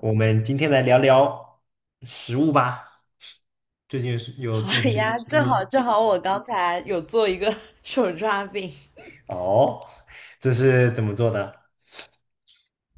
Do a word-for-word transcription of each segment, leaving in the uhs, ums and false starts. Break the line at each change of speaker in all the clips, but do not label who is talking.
我们今天来聊聊食物吧。最近是有
好
做什么好
呀，
吃的
正
吗？
好正好，我刚才有做一个 手抓饼，
哦，这是怎么做的？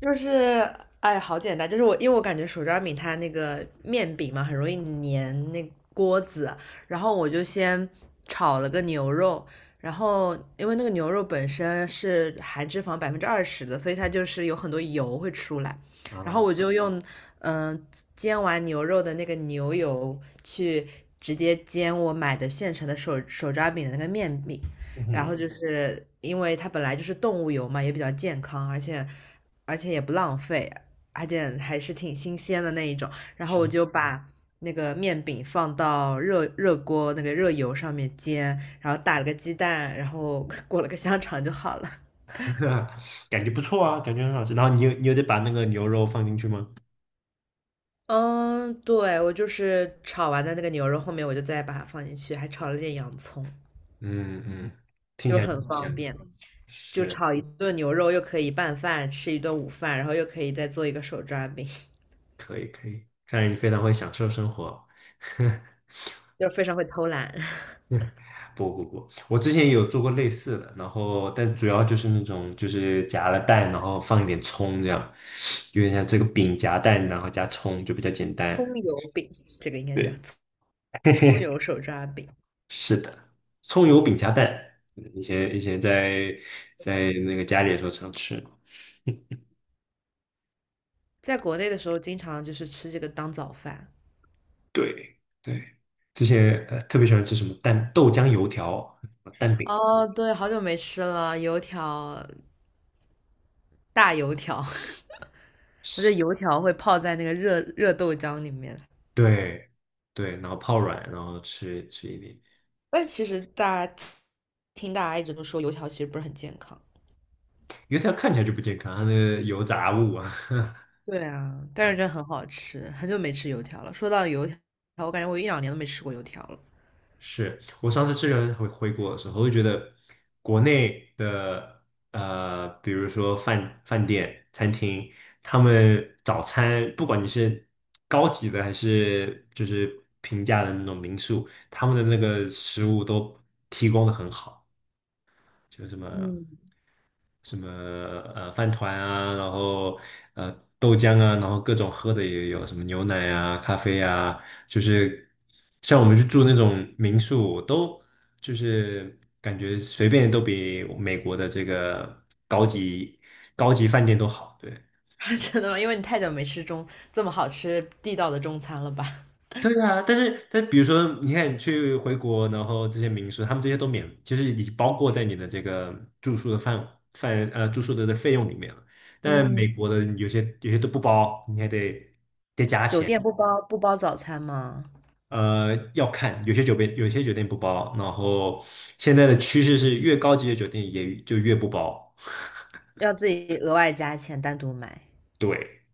就是哎，好简单，就是我因为我感觉手抓饼它那个面饼嘛，很容易粘那锅子，然后我就先炒了个牛肉，然后因为那个牛肉本身是含脂肪百分之二十的，所以它就是有很多油会出来，然后
啊，
我就用嗯、呃煎完牛肉的那个牛油去直接煎我买的现成的手手抓饼的那个面饼。
嗯
然
哼，
后就是因为它本来就是动物油嘛，也比较健康，而且而且也不浪费，而且还是挺新鲜的那一种。然后我
是，
就把那个面饼放到热热锅那个热油上面煎，然后打了个鸡蛋，然后 裹了个香肠就好了。
感觉不错啊，感觉很好吃。然后你有你有得把那个牛肉放进去吗？
嗯，对，我就是炒完的那个牛肉，后面我就再把它放进去，还炒了点洋葱，
嗯嗯，听
就
起来
是很
挺香
方
的。
便。就
是，
炒一顿牛肉，又可以拌饭，吃一顿午饭，然后又可以再做一个手抓饼。
可以可以，看来你非常会享受生活哦。
就是非常会偷懒，
不不不，我之前也有做过类似的，然后但主要就是那种就是夹了蛋，然后放一点葱这样，有点像这个饼夹蛋，然后加葱就比较简单。
葱油饼，这个应该叫
对，
葱油 手抓饼。
是的，葱油饼夹蛋，嗯以前以前在在那个家里的时候常吃，
在国内的时候，经常就是吃这个当早饭。
对，对，之前呃特别喜欢吃什么蛋豆浆油条、蛋饼，
哦，对，好久没吃了，油条，大油条，我觉得油条会泡在那个热热豆浆里面。
对对，然后泡软，然后吃吃一点。
但其实大家听大家一直都说油条其实不是很健康。
因为它看起来就不健康，它那个油炸物啊。
对啊，但是
啊，
真的很好吃，很久没吃油条了。说到油条，我感觉我一两年都没吃过油条了。
是我上次吃人回回国的时候，我就觉得国内的呃，比如说饭饭店、餐厅，他们早餐不管你是高级的还是就是平价的那种民宿，他们的那个食物都提供的很好。就什么
嗯，
什么呃饭团啊，然后呃豆浆啊，然后各种喝的也有，什么牛奶啊、咖啡啊，就是像我们去住那种民宿，都就是感觉随便都比美国的这个高级高级饭店都好，对。
真的吗？因为你太久没吃中这么好吃地道的中餐了吧？
对啊，但是但比如说，你看你去回国，然后这些民宿，他们这些都免，就是已经包括在你的这个住宿的范范呃住宿的这费用里面了。但美
嗯，
国的有些有些都不包，你还得
酒店不包不包早餐吗？
呃要看，有些酒店有些酒店不包，然后现在的趋势是越高级的酒店也就越不包。
要自己额外加钱单独买。
对，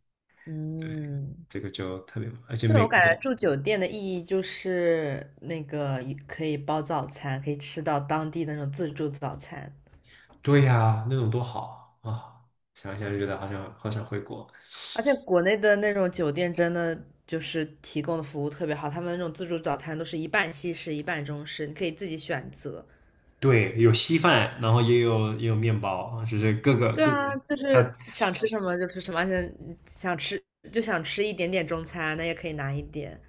嗯，
这个就特别，而且
对，
美
我
国
感
的，
觉住酒店的意义就是那个可以包早餐，可以吃到当地的那种自助早餐。
对呀、那种多好啊！啊想一想就觉得好想好想回国。
而且国内的那种酒店真的就是提供的服务特别好，他们那种自助早餐都是一半西式一半中式，你可以自己选择。
对，有稀饭，然后也有也有面包，就是各个
对
各个，
啊，就
它
是想吃什么就吃什么，而且想吃就想吃一点点中餐，那也可以拿一点。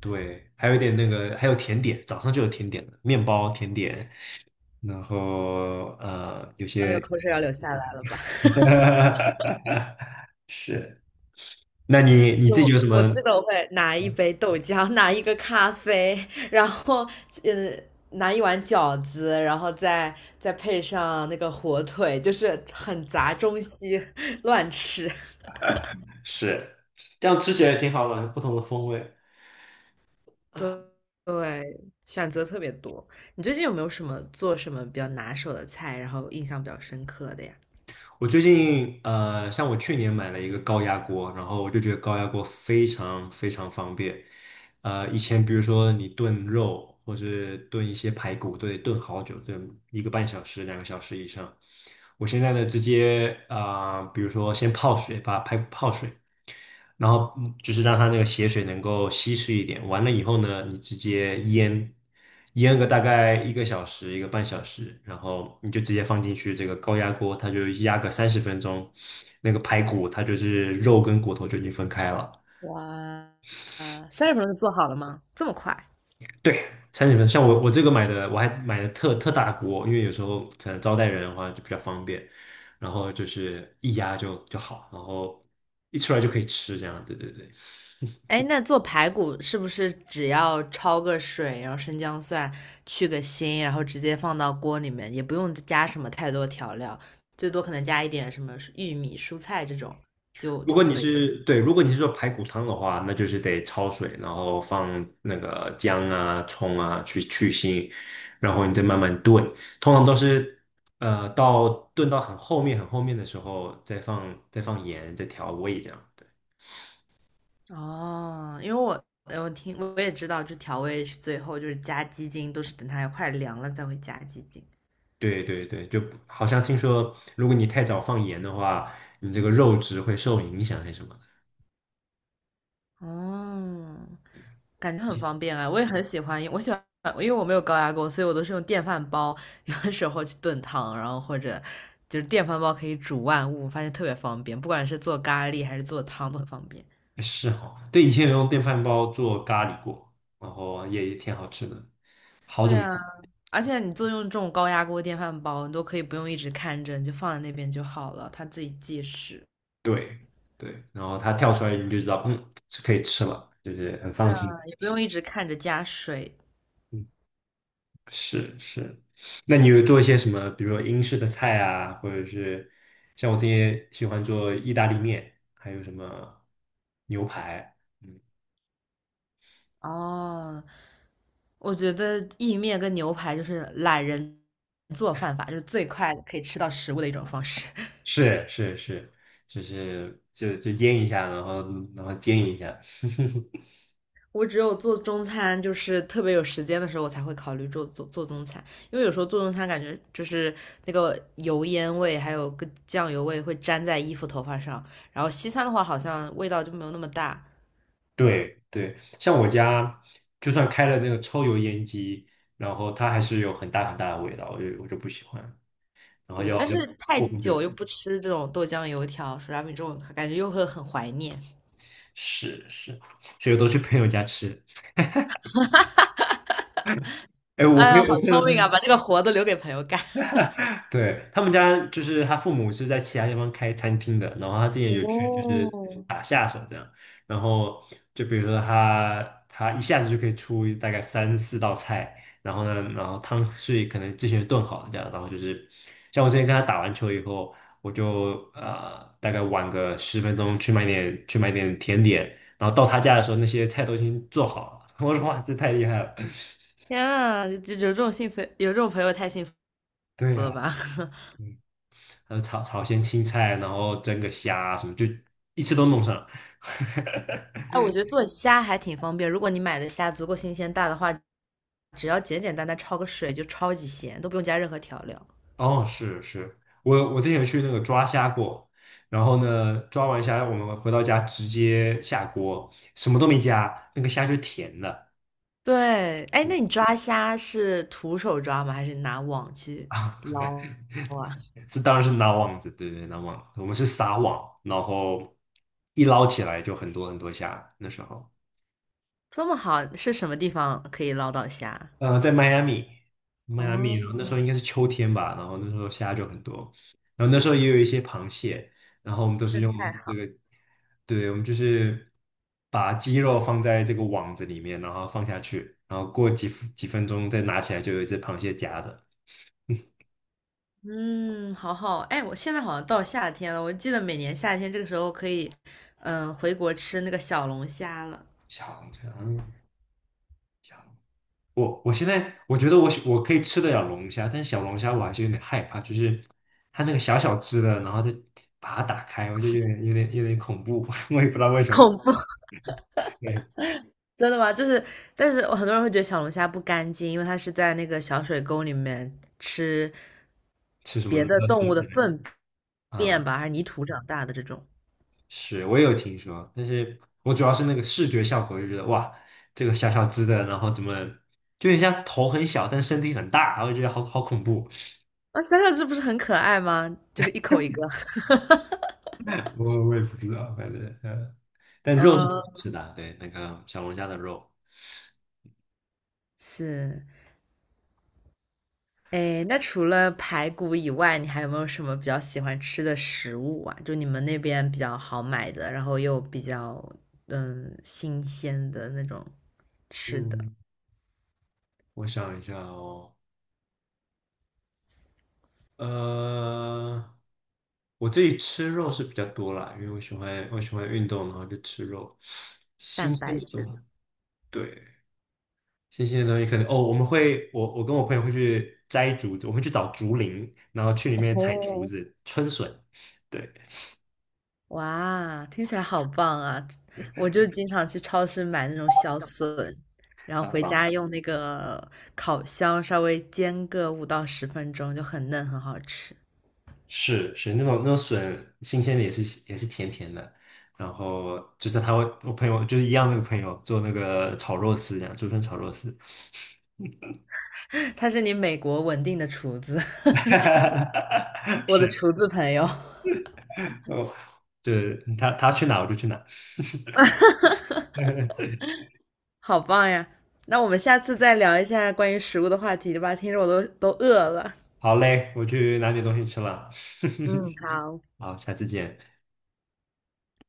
对，还有一点那个，还有甜点，早上就有甜点了，面包甜点，然后呃，有
哎
些
呦，口水要流下来了吧？
是，那你你
就
自己
我
有什
我
么？
记得我会拿一杯豆浆，拿一个咖啡，然后嗯，拿一碗饺子，然后再再配上那个火腿，就是很杂，中西 乱吃。
是，这样吃起来挺好的，不同的风味。
对对，选择特别多。你最近有没有什么做什么比较拿手的菜，然后印象比较深刻的呀？
我最近呃，像我去年买了一个高压锅，然后我就觉得高压锅非常非常方便。呃，以前比如说你炖肉或是炖一些排骨，都得炖好久，炖一个半小时、两个小时以上。我现在呢，直接啊、呃比如说先泡水，把排骨泡水，然后嗯就是让它那个血水能够稀释一点。完了以后呢，你直接腌，腌个大概一个小时、一个半小时，然后你就直接放进去这个高压锅，它就压个三十分钟，那个排骨它就是肉跟骨头就已经分开了。
哇，呃，三十分钟就做好了吗？这么快？
对，三十分。像我我这个买的，我还买的特特大锅，因为有时候可能招待人的话就比较方便，然后就是一压就就好，然后一出来就可以吃，这样。对对对。
哎，那做排骨是不是只要焯个水，然后生姜蒜去个腥，然后直接放到锅里面，也不用加什么太多调料，最多可能加一点什么玉米、蔬菜这种就
如
就
果你
可以。
是对，如果你是做排骨汤的话，那就是得焯水，然后放那个姜啊、葱啊去去腥，然后你再慢慢炖。通常都是呃到炖到很后面、很后面的时候，再放再放盐，再调味这样。
哦，因为我呃我听我也知道，就调味是最后就是加鸡精，都是等它快凉了才会加鸡精。
对对对，就好像听说，如果你太早放盐的话，你这个肉质会受影响还是什么的
哦，
对，
感觉很方便啊，我也很喜欢我喜欢，因为我没有高压锅，所以我都是用电饭煲，有的时候去炖汤，然后或者就是电饭煲可以煮万物，发现特别方便，不管是做咖喱还是做汤都很方便。
是哈，对，以前有用电饭煲做咖喱过，然后也也挺好吃的，好久
对
没
啊，
吃。
而且你做用这种高压锅、电饭煲，你都可以不用一直看着，你就放在那边就好了，它自己计时，
对对，然后它跳出来你就知道，嗯，是可以吃了，就是很放心。
啊也不用一直看着加水。
嗯，是是。那你有做一些什么，比如说英式的菜啊，或者是像我这些喜欢做意大利面，还有什么牛排？嗯，
哦，我觉得意面跟牛排就是懒人做饭法，就是最快可以吃到食物的一种方式。
是是是，就是就就腌一下，然后然后煎一下。
我只有做中餐，就是特别有时间的时候，我才会考虑做做做中餐，因为有时候做中餐感觉就是那个油烟味，还有个酱油味会粘在衣服、头发上。然后西餐的话，好像味道就没有那么大。
对对，像我家就算开了那个抽油烟机，然后它还是有很大很大的味道，我就我就不喜欢。然后
对，
要
但
要
是太
过很久。
久又不吃这种豆浆油条、手抓饼这种，感觉又会很怀念。
是是，所以我都去朋友家吃。哎，我
哎
朋
呦，
友
好
我朋友
聪
他
明啊，把这个活都留给朋友干。
对，他们家就是他父母是在其他地方开餐厅的，然后他之前有去就是
哦，
打下手这样，然后就比如说他他一下子就可以出大概三四道菜，然后呢，然后汤是可能之前炖好的这样，然后就是像我之前跟他打完球以后，我就呃大概晚个十分钟去买点去买点甜点，然后到他家的时候那些菜都已经做好了，我说哇这太厉害了，
天啊，就有这种幸福，有这种朋友太幸福。
对呀、嗯还有炒炒些青菜，然后蒸个虾啊什么，就一次都弄上了。
哎，我觉得做虾还挺方便，如果你买的虾足够新鲜大的话，只要简简单单焯个水就超级鲜，都不用加任何调料。
哦，是是，我我之前有去那个抓虾过，然后呢，抓完虾我们回到家直接下锅，什么都没加，那个虾就甜的
对，哎，那你抓虾是徒手抓吗？还是拿网去
啊，
捞啊？
这当然是拉网子，对对，拉网，我们是撒网，然后一捞起来就很多很多虾，那时候。
这么好，是什么地方可以捞到虾？
呃，在迈阿密，迈阿密，然后那时候
哦，
应该是秋天吧，然后那时候虾就很多，然后那时候也有一些螃蟹，然后我们都是
生
用
态
这
好，
个，对，我们就是把鸡肉放在这个网子里面，然后放下去，然后过几几分钟再拿起来，就有一只螃蟹夹着，
嗯，好好。哎，我现在好像到夏天了，我记得每年夏天这个时候可以，嗯，回国吃那个小龙虾了，
小龙虾，嗯小龙，我我现在我觉得我喜我可以吃得了龙虾，但小龙虾我还是有点害怕，就是它那个小小只的，然后再把它打开，我就有点有点有点恐怖，我也不知道为 什么。
恐怖。
对，
真的吗？就是，但是我很多人会觉得小龙虾不干净，因为它是在那个小水沟里面吃
吃什么
别的
垃圾
动物的
之类的。
粪
嗯，
便吧，还是泥土长大的这种。
是我也有听说，但是我主要是那个视觉效果，我就觉得哇，这个小小只的，然后怎么就人家头很小，但身体很大，我就觉得好好恐怖。
啊，想想这不是很可爱吗？就是一口一个。
我我也不知道，反正呃，但肉是挺好
嗯，
吃的啊，对，那个小龙虾的肉。
是。哎，那除了排骨以外，你还有没有什么比较喜欢吃的食物啊？就你们那边比较好买的，然后又比较嗯新鲜的那种吃的，
嗯，我想一下哦，呃，我自己吃肉是比较多啦，因为我喜欢我喜欢运动，然后就吃肉，新
蛋
鲜
白
的东
质的
西。对，新鲜的东西可能哦，我们会我我跟我朋友会去摘竹子，我们去找竹林，然后去里面采竹
哦，
子、春笋，对，
哇，听起来好棒啊！我就经常去超市买那种小笋，然后回
啊、
家用那个烤箱稍微煎个五到十分钟，就很嫩，很好吃。
是是那种那种笋新鲜的也是也是甜甜的，然后就是他会我朋友就是一样那个朋友做那个炒肉丝这样，竹笋炒肉丝，
他是你美国稳定的厨子，就 我的
是
厨子朋友，
哦，就是他他去哪我就去哪，
好棒呀！那我们下次再聊一下关于食物的话题吧，听着我都都饿了。
好嘞，我去拿点东西吃了，
嗯，好。
好，下次见。